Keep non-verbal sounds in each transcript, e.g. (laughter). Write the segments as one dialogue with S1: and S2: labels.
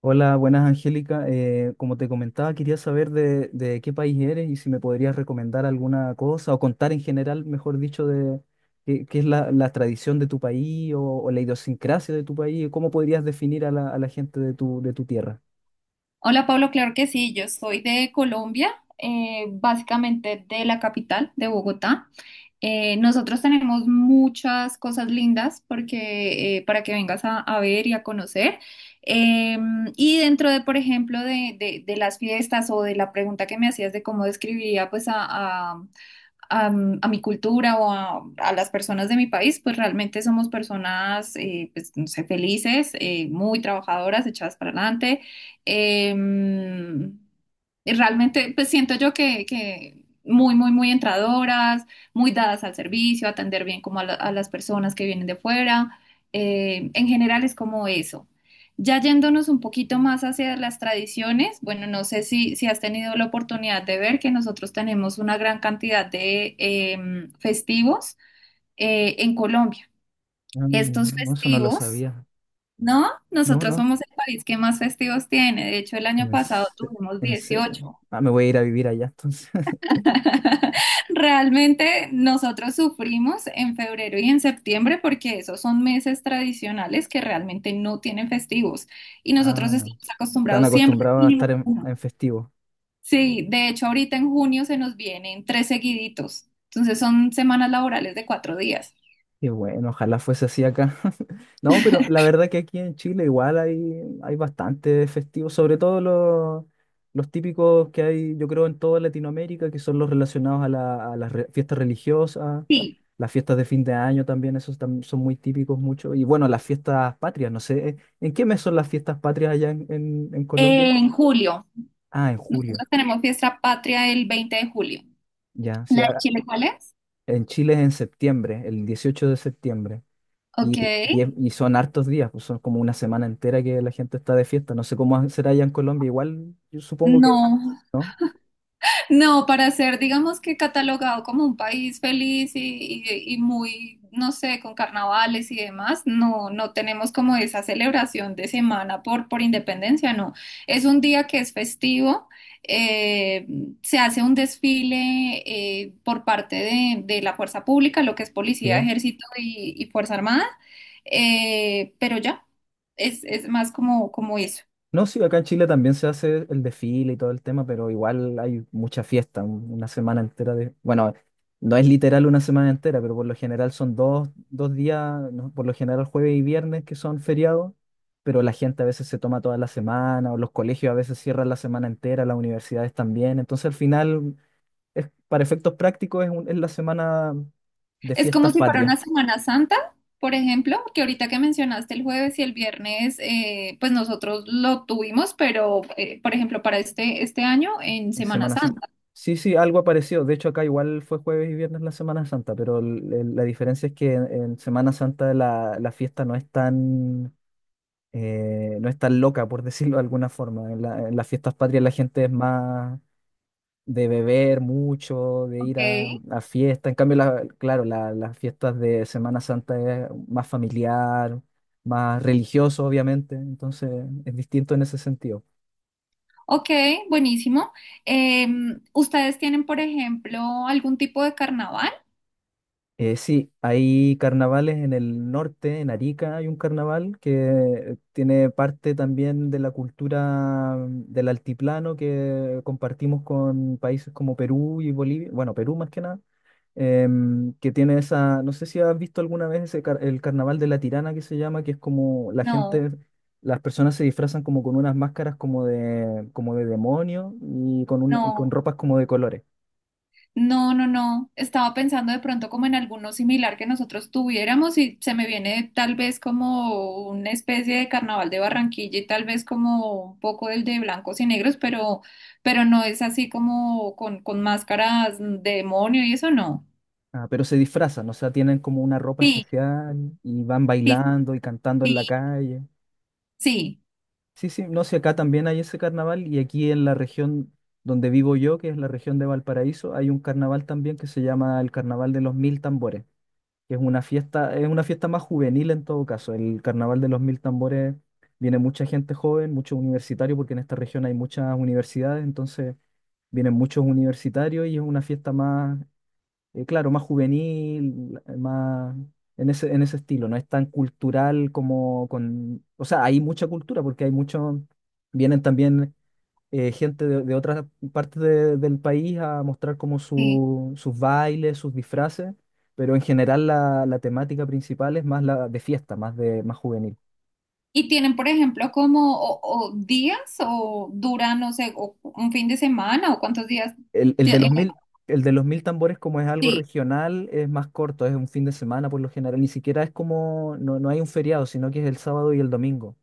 S1: Hola, buenas Angélica. Como te comentaba, quería saber de qué país eres y si me podrías recomendar alguna cosa o contar en general, mejor dicho, de qué es la tradición de tu país o la idiosincrasia de tu país, y cómo podrías definir a la gente de tu tierra.
S2: Hola Pablo, claro que sí, yo soy de Colombia, básicamente de la capital, de Bogotá. Nosotros tenemos muchas cosas lindas porque, para que vengas a ver y a conocer. Eh, y dentro de, por ejemplo, de las fiestas o de la pregunta que me hacías de cómo describiría pues a mi cultura o a las personas de mi país, pues realmente somos personas, pues, no sé, felices, muy trabajadoras, echadas para adelante. Em, y realmente, pues siento yo que muy, muy, muy entradoras, muy dadas al servicio, atender bien como a las personas que vienen de fuera. En general es como eso. Ya yéndonos un poquito más hacia las tradiciones, bueno, no sé si has tenido la oportunidad de ver que nosotros tenemos una gran cantidad de festivos en Colombia.
S1: Ah,
S2: Estos
S1: no, eso no lo
S2: festivos,
S1: sabía.
S2: ¿no?
S1: No,
S2: Nosotros
S1: no,
S2: somos el país que más festivos tiene. De hecho, el año
S1: en,
S2: pasado
S1: ce-
S2: tuvimos
S1: en cero.
S2: 18.
S1: Ah, me voy a ir a vivir allá entonces. (laughs)
S2: (laughs) Realmente nosotros sufrimos en febrero y en septiembre porque esos son meses tradicionales que realmente no tienen festivos y nosotros
S1: Ah,
S2: estamos
S1: están
S2: acostumbrados siempre. A
S1: acostumbrados a estar
S2: mínimo
S1: en,
S2: uno.
S1: en festivo.
S2: Sí, de hecho ahorita en junio se nos vienen tres seguiditos, entonces son semanas laborales de cuatro días.
S1: Qué bueno, ojalá fuese así acá. (laughs) No, pero la verdad que aquí en Chile igual hay bastante festivos, sobre todo los típicos que hay, yo creo, en toda Latinoamérica, que son los relacionados a las fiestas religiosas,
S2: Sí,
S1: las fiestas de fin de año también, esos son muy típicos mucho. Y bueno, las fiestas patrias, no sé, ¿en qué mes son las fiestas patrias allá en Colombia?
S2: en julio.
S1: Ah, en julio,
S2: Nosotros tenemos fiesta patria el 20 de julio.
S1: ya. Sí,
S2: ¿La de Chile cuál es?
S1: en Chile es en septiembre, el 18 de septiembre.
S2: Ok.
S1: Y son hartos días, pues son como una semana entera que la gente está de fiesta. No sé cómo será allá en Colombia, igual yo supongo que,
S2: No,
S1: ¿no?
S2: no, para ser, digamos que catalogado como un país feliz y, y muy, no sé, con carnavales y demás, no, no tenemos como esa celebración de semana por independencia, no. Es un día que es festivo, eh, se hace un desfile por parte de la fuerza pública, lo que es policía,
S1: Sí.
S2: ejército y fuerza armada, pero ya, es más como, como eso.
S1: No, sí, acá en Chile también se hace el desfile y todo el tema, pero igual hay mucha fiesta, una semana entera de... Bueno, no es literal una semana entera, pero por lo general son dos días, ¿no? Por lo general jueves y viernes que son feriados, pero la gente a veces se toma toda la semana, o los colegios a veces cierran la semana entera, las universidades también, entonces al final... para efectos prácticos es, es la semana de
S2: Es como
S1: fiestas
S2: si fuera
S1: patrias,
S2: una Semana Santa, por ejemplo, que ahorita que mencionaste el jueves y el viernes, pues nosotros lo tuvimos, pero por ejemplo para este, este año en
S1: en
S2: Semana
S1: Semana Santa.
S2: Santa,
S1: Sí, sí, algo apareció. De hecho, acá igual fue jueves y viernes la Semana Santa, pero la diferencia es que en Semana Santa la fiesta no es tan, no es tan loca, por (laughs) decirlo de alguna forma. En en las fiestas patrias la gente es más... de beber mucho, de ir
S2: ¿ok?
S1: a fiestas. En cambio, claro, las fiestas de Semana Santa es más familiar, más religioso, obviamente. Entonces, es distinto en ese sentido.
S2: Ok, buenísimo. ¿Ustedes tienen, por ejemplo, algún tipo de carnaval?
S1: Sí, hay carnavales en el norte, en Arica hay un carnaval que tiene parte también de la cultura del altiplano que compartimos con países como Perú y Bolivia, bueno, Perú más que nada, que tiene esa, no sé si has visto alguna vez ese el carnaval de la Tirana que se llama, que es como la
S2: No,
S1: gente, las personas se disfrazan como con unas máscaras como de demonio y con, y con
S2: no.
S1: ropas como de colores.
S2: No, no, no. Estaba pensando de pronto como en alguno similar que nosotros tuviéramos y se me viene tal vez como una especie de carnaval de Barranquilla y tal vez como un poco el de blancos y negros, pero no es así como con máscaras de demonio y eso no.
S1: Ah, pero se disfrazan, o sea, tienen como una ropa
S2: Sí,
S1: especial y van
S2: sí,
S1: bailando y cantando en
S2: sí,
S1: la calle.
S2: sí,
S1: Sí, sí, no sé, acá también hay ese carnaval y aquí en la región donde vivo yo, que es la región de Valparaíso, hay un carnaval también que se llama el Carnaval de los Mil Tambores, que es una fiesta más juvenil en todo caso. El Carnaval de los Mil Tambores viene mucha gente joven, muchos universitarios, porque en esta región hay muchas universidades, entonces vienen muchos universitarios y es una fiesta más claro, más juvenil, más en ese estilo, no es tan cultural como con, o sea, hay mucha cultura porque hay mucho, vienen también gente de otras partes del país a mostrar como
S2: sí.
S1: sus bailes, sus disfraces, pero en general la temática principal es más la de fiesta, más de, más juvenil.
S2: Y tienen, por ejemplo, como o días o duran, no sé, o un fin de semana o cuántos días.
S1: El, el
S2: ti-
S1: de los
S2: eh,
S1: mil, el de los mil tambores, como es algo
S2: sí,
S1: regional, es más corto, es un fin de semana por lo general, ni siquiera es como, no, no hay un feriado, sino que es el sábado y el domingo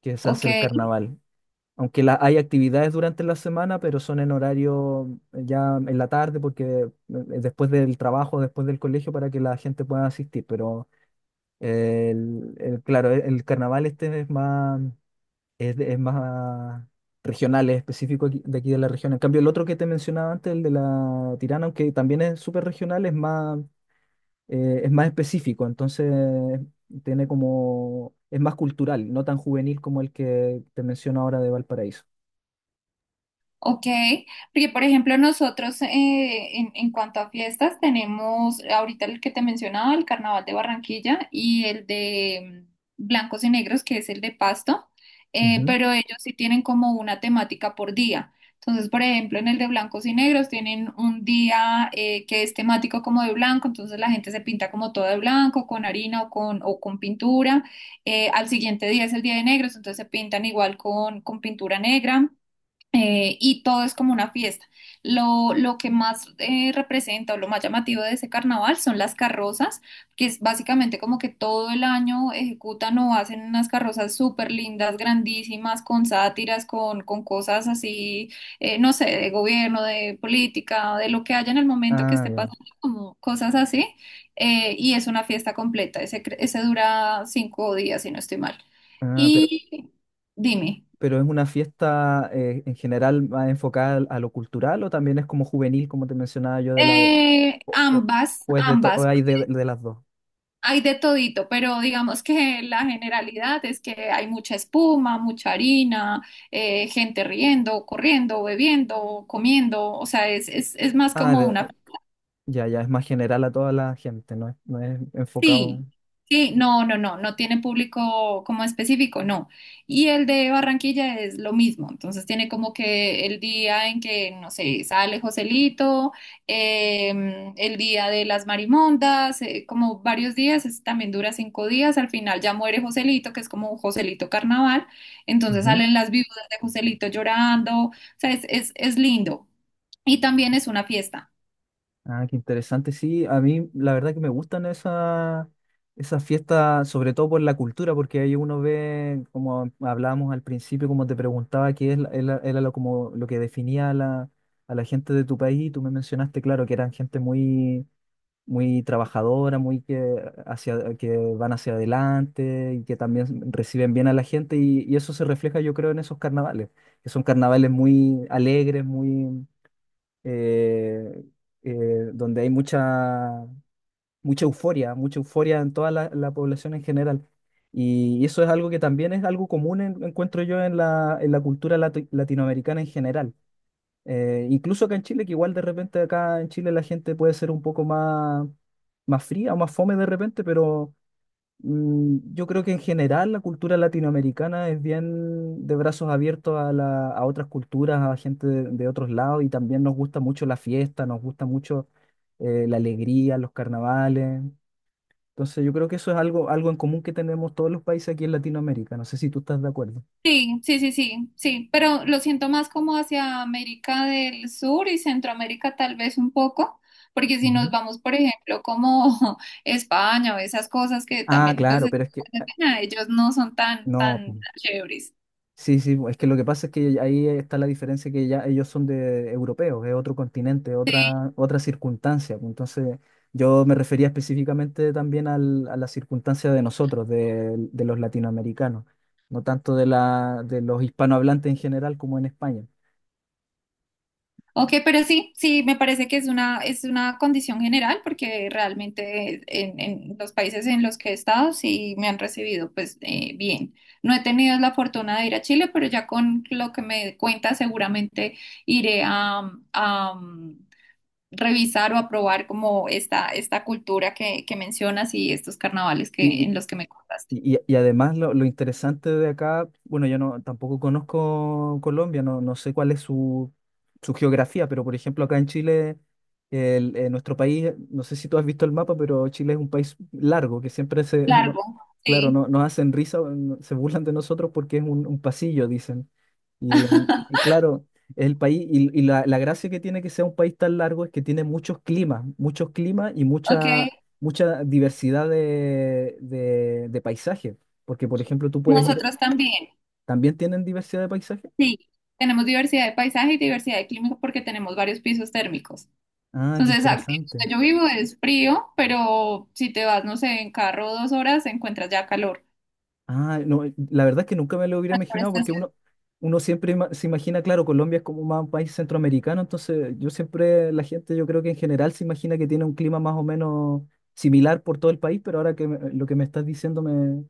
S1: que se hace
S2: ok.
S1: el carnaval. Aunque hay actividades durante la semana, pero son en horario ya en la tarde, porque después del trabajo, después del colegio, para que la gente pueda asistir. Pero claro, el carnaval este es más, es, es más regional, es específico de aquí de la región. En cambio, el otro que te mencionaba antes, el de la Tirana, aunque también es súper regional, es más específico, entonces tiene como, es más cultural, no tan juvenil como el que te menciono ahora de Valparaíso.
S2: Ok, porque por ejemplo nosotros en cuanto a fiestas tenemos ahorita el que te mencionaba, el Carnaval de Barranquilla y el de Blancos y Negros, que es el de Pasto,
S1: Ujú.
S2: pero ellos sí tienen como una temática por día. Entonces, por ejemplo, en el de Blancos y Negros tienen un día que es temático como de blanco, entonces la gente se pinta como todo de blanco, con harina o con pintura. Al siguiente día es el día de negros, entonces se pintan igual con pintura negra y todo es como una fiesta. Lo que más representa o lo más llamativo de ese carnaval son las carrozas, que es básicamente como que todo el año ejecutan o hacen unas carrozas súper lindas, grandísimas, con sátiras, con cosas así, no sé, de gobierno, de política, de lo que haya en el momento que
S1: Ah,
S2: esté
S1: ya.
S2: pasando, como cosas así. Eh, y es una fiesta completa. Ese dura 5 días, si no estoy mal.
S1: Ah, pero,
S2: Y dime.
S1: pero es una fiesta en general más enfocada a lo cultural o también es como juvenil, como te mencionaba yo de la... O, o-
S2: Ambas,
S1: o
S2: ambas,
S1: hay de las dos.
S2: hay de todito, pero digamos que la generalidad es que hay mucha espuma, mucha harina, gente riendo, corriendo, bebiendo, comiendo, o sea, es más
S1: Ah,
S2: como una.
S1: ya, ya, es más general a toda la gente, no es enfocado.
S2: Sí, sí, no, no, no, no tiene público como específico, no. Y el de Barranquilla es lo mismo, entonces tiene como que el día en que, no sé, sale Joselito, el día de las marimondas, como varios días, también dura 5 días, al final ya muere Joselito, que es como un Joselito carnaval, entonces salen las viudas de Joselito llorando, o sea, es lindo. Y también es una fiesta.
S1: Ah, qué interesante. Sí, a mí la verdad que me gustan esas fiestas, sobre todo por la cultura, porque ahí uno ve, como hablábamos al principio, como te preguntaba, qué es, era lo, como, lo que definía a la gente de tu país. Y tú me mencionaste, claro, que eran gente muy, muy trabajadora, muy que, hacia, que van hacia adelante y que también reciben bien a la gente. Y eso se refleja, yo creo, en esos carnavales, que son carnavales muy alegres, muy eh, donde hay mucha, mucha euforia en toda la población en general. Y eso es algo que también es algo común, encuentro yo, en la cultura latinoamericana en general. Incluso acá en Chile, que igual de repente acá en Chile la gente puede ser un poco más, fría o más fome de repente, pero yo creo que en general la cultura latinoamericana es bien de brazos abiertos a otras culturas, a gente de otros lados y también nos gusta mucho la fiesta, nos gusta mucho la alegría, los carnavales. Entonces yo creo que eso es algo en común que tenemos todos los países aquí en Latinoamérica. No sé si tú estás de acuerdo.
S2: Sí, sí, sí, sí, sí, pero lo siento más como hacia América del Sur y Centroamérica tal vez un poco, porque si nos
S1: Ujú.
S2: vamos, por ejemplo, como (laughs) España o esas cosas que
S1: Ah,
S2: también, pues,
S1: claro, pero es que
S2: ellos no son tan,
S1: no.
S2: tan chéveres.
S1: Sí, sí, es que lo que pasa es que ahí está la diferencia que ya ellos son de europeos, es otro continente, otra circunstancia. Pues, entonces, yo me refería específicamente también a la circunstancia de nosotros, de los latinoamericanos, no tanto de la, de los hispanohablantes en general como en España.
S2: Ok, pero sí, sí, me parece que es una condición general porque realmente en los países en los que he estado sí me han recibido pues bien. No he tenido la fortuna de ir a Chile, pero ya con lo que me cuenta seguramente iré a, revisar o a probar como esta cultura que mencionas y estos carnavales que,
S1: Sí,
S2: en los que me contaste.
S1: y además lo interesante de acá, bueno, yo no tampoco conozco Colombia, no, no sé cuál es su geografía, pero por ejemplo acá en Chile, nuestro país, no sé si tú has visto el mapa, pero Chile es un país largo, que siempre se, (laughs)
S2: Largo,
S1: claro,
S2: sí.
S1: no, se burlan de nosotros porque es un pasillo, dicen. Y
S2: (laughs)
S1: claro, es el país, y la gracia que tiene que sea un país tan largo es que tiene muchos climas y
S2: Ok,
S1: mucha, mucha diversidad de paisajes. Porque, por ejemplo, tú puedes ir,
S2: nosotros también.
S1: ¿también tienen diversidad de paisajes?
S2: Sí, tenemos diversidad de paisaje y diversidad de clima porque tenemos varios pisos térmicos.
S1: Ah, qué
S2: Entonces, en
S1: interesante.
S2: donde yo vivo es frío, pero si te vas, no sé, en carro 2 horas, encuentras ya calor.
S1: Ah, no, la verdad es que nunca me lo hubiera
S2: Las
S1: imaginado porque
S2: forestaciones.
S1: uno siempre se imagina, claro, Colombia es como más un país centroamericano, entonces yo siempre, la gente yo creo que en general se imagina que tiene un clima más o menos similar por todo el país, pero ahora que lo que me estás diciendo me,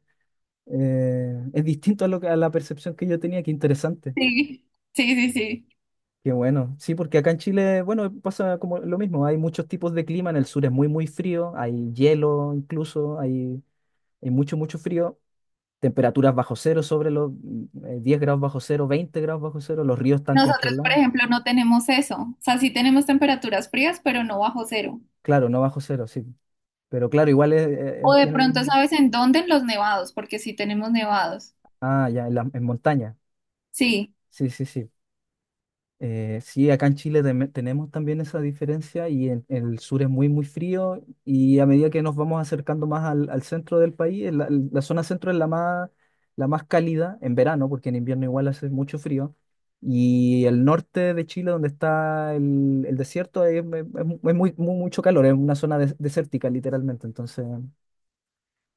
S1: es distinto a, lo, a la percepción que yo tenía, qué interesante,
S2: Sí, sí, sí, sí.
S1: qué bueno. Sí, porque acá en Chile, bueno, pasa como lo mismo, hay muchos tipos de clima, en el sur es muy, muy frío, hay hielo incluso, hay mucho, mucho frío. Temperaturas bajo cero, sobre los 10 grados bajo cero, 20 grados bajo cero, los ríos están
S2: Nosotros, por
S1: congelados.
S2: ejemplo, no tenemos eso. O sea, sí tenemos temperaturas frías, pero no bajo cero.
S1: Claro, no bajo cero, sí. Pero claro, igual
S2: O de pronto,
S1: tienen...
S2: ¿sabes en dónde? En los nevados, porque sí tenemos nevados.
S1: Ah, ya, en montaña.
S2: Sí,
S1: Sí, sí, sí. Sí, acá en Chile tenemos también esa diferencia y en el sur es muy, muy frío y a medida que nos vamos acercando más al centro del país, la zona centro es la más cálida en verano, porque en invierno igual hace mucho frío, y el norte de Chile, donde está el desierto, es, es muy, mucho calor, es una zona desértica literalmente, entonces...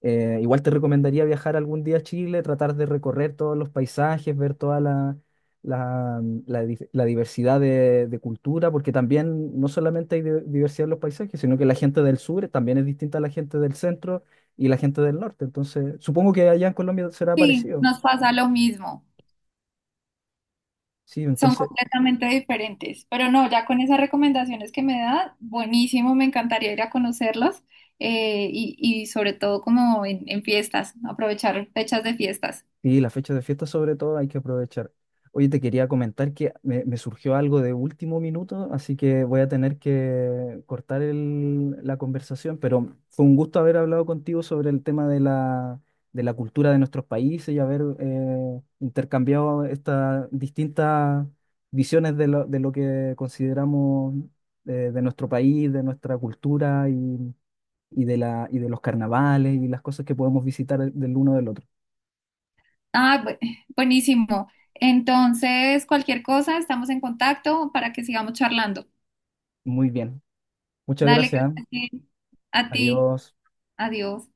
S1: Igual te recomendaría viajar algún día a Chile, tratar de recorrer todos los paisajes, ver toda la, la, la diversidad de cultura, porque también no solamente hay diversidad en los paisajes, sino que la gente del sur también es distinta a la gente del centro y la gente del norte. Entonces, supongo que allá en Colombia será
S2: sí,
S1: parecido.
S2: nos pasa lo mismo.
S1: Sí,
S2: Son
S1: entonces.
S2: completamente diferentes, pero no, ya con esas recomendaciones que me da, buenísimo, me encantaría ir a conocerlos y sobre todo como en fiestas, aprovechar fechas de fiestas.
S1: Sí, las fechas de fiesta sobre todo hay que aprovechar. Oye, te quería comentar que me surgió algo de último minuto, así que voy a tener que cortar la conversación, pero fue un gusto haber hablado contigo sobre el tema de la, cultura de nuestros países y haber intercambiado estas distintas visiones de lo que consideramos de nuestro país, de nuestra cultura y de la, y de los carnavales y las cosas que podemos visitar del uno del otro.
S2: Ah, bu- Buenísimo. Entonces, cualquier cosa, estamos en contacto para que sigamos charlando.
S1: Muy bien. Muchas
S2: Dale, que
S1: gracias.
S2: estés bien. A ti,
S1: Adiós.
S2: adiós.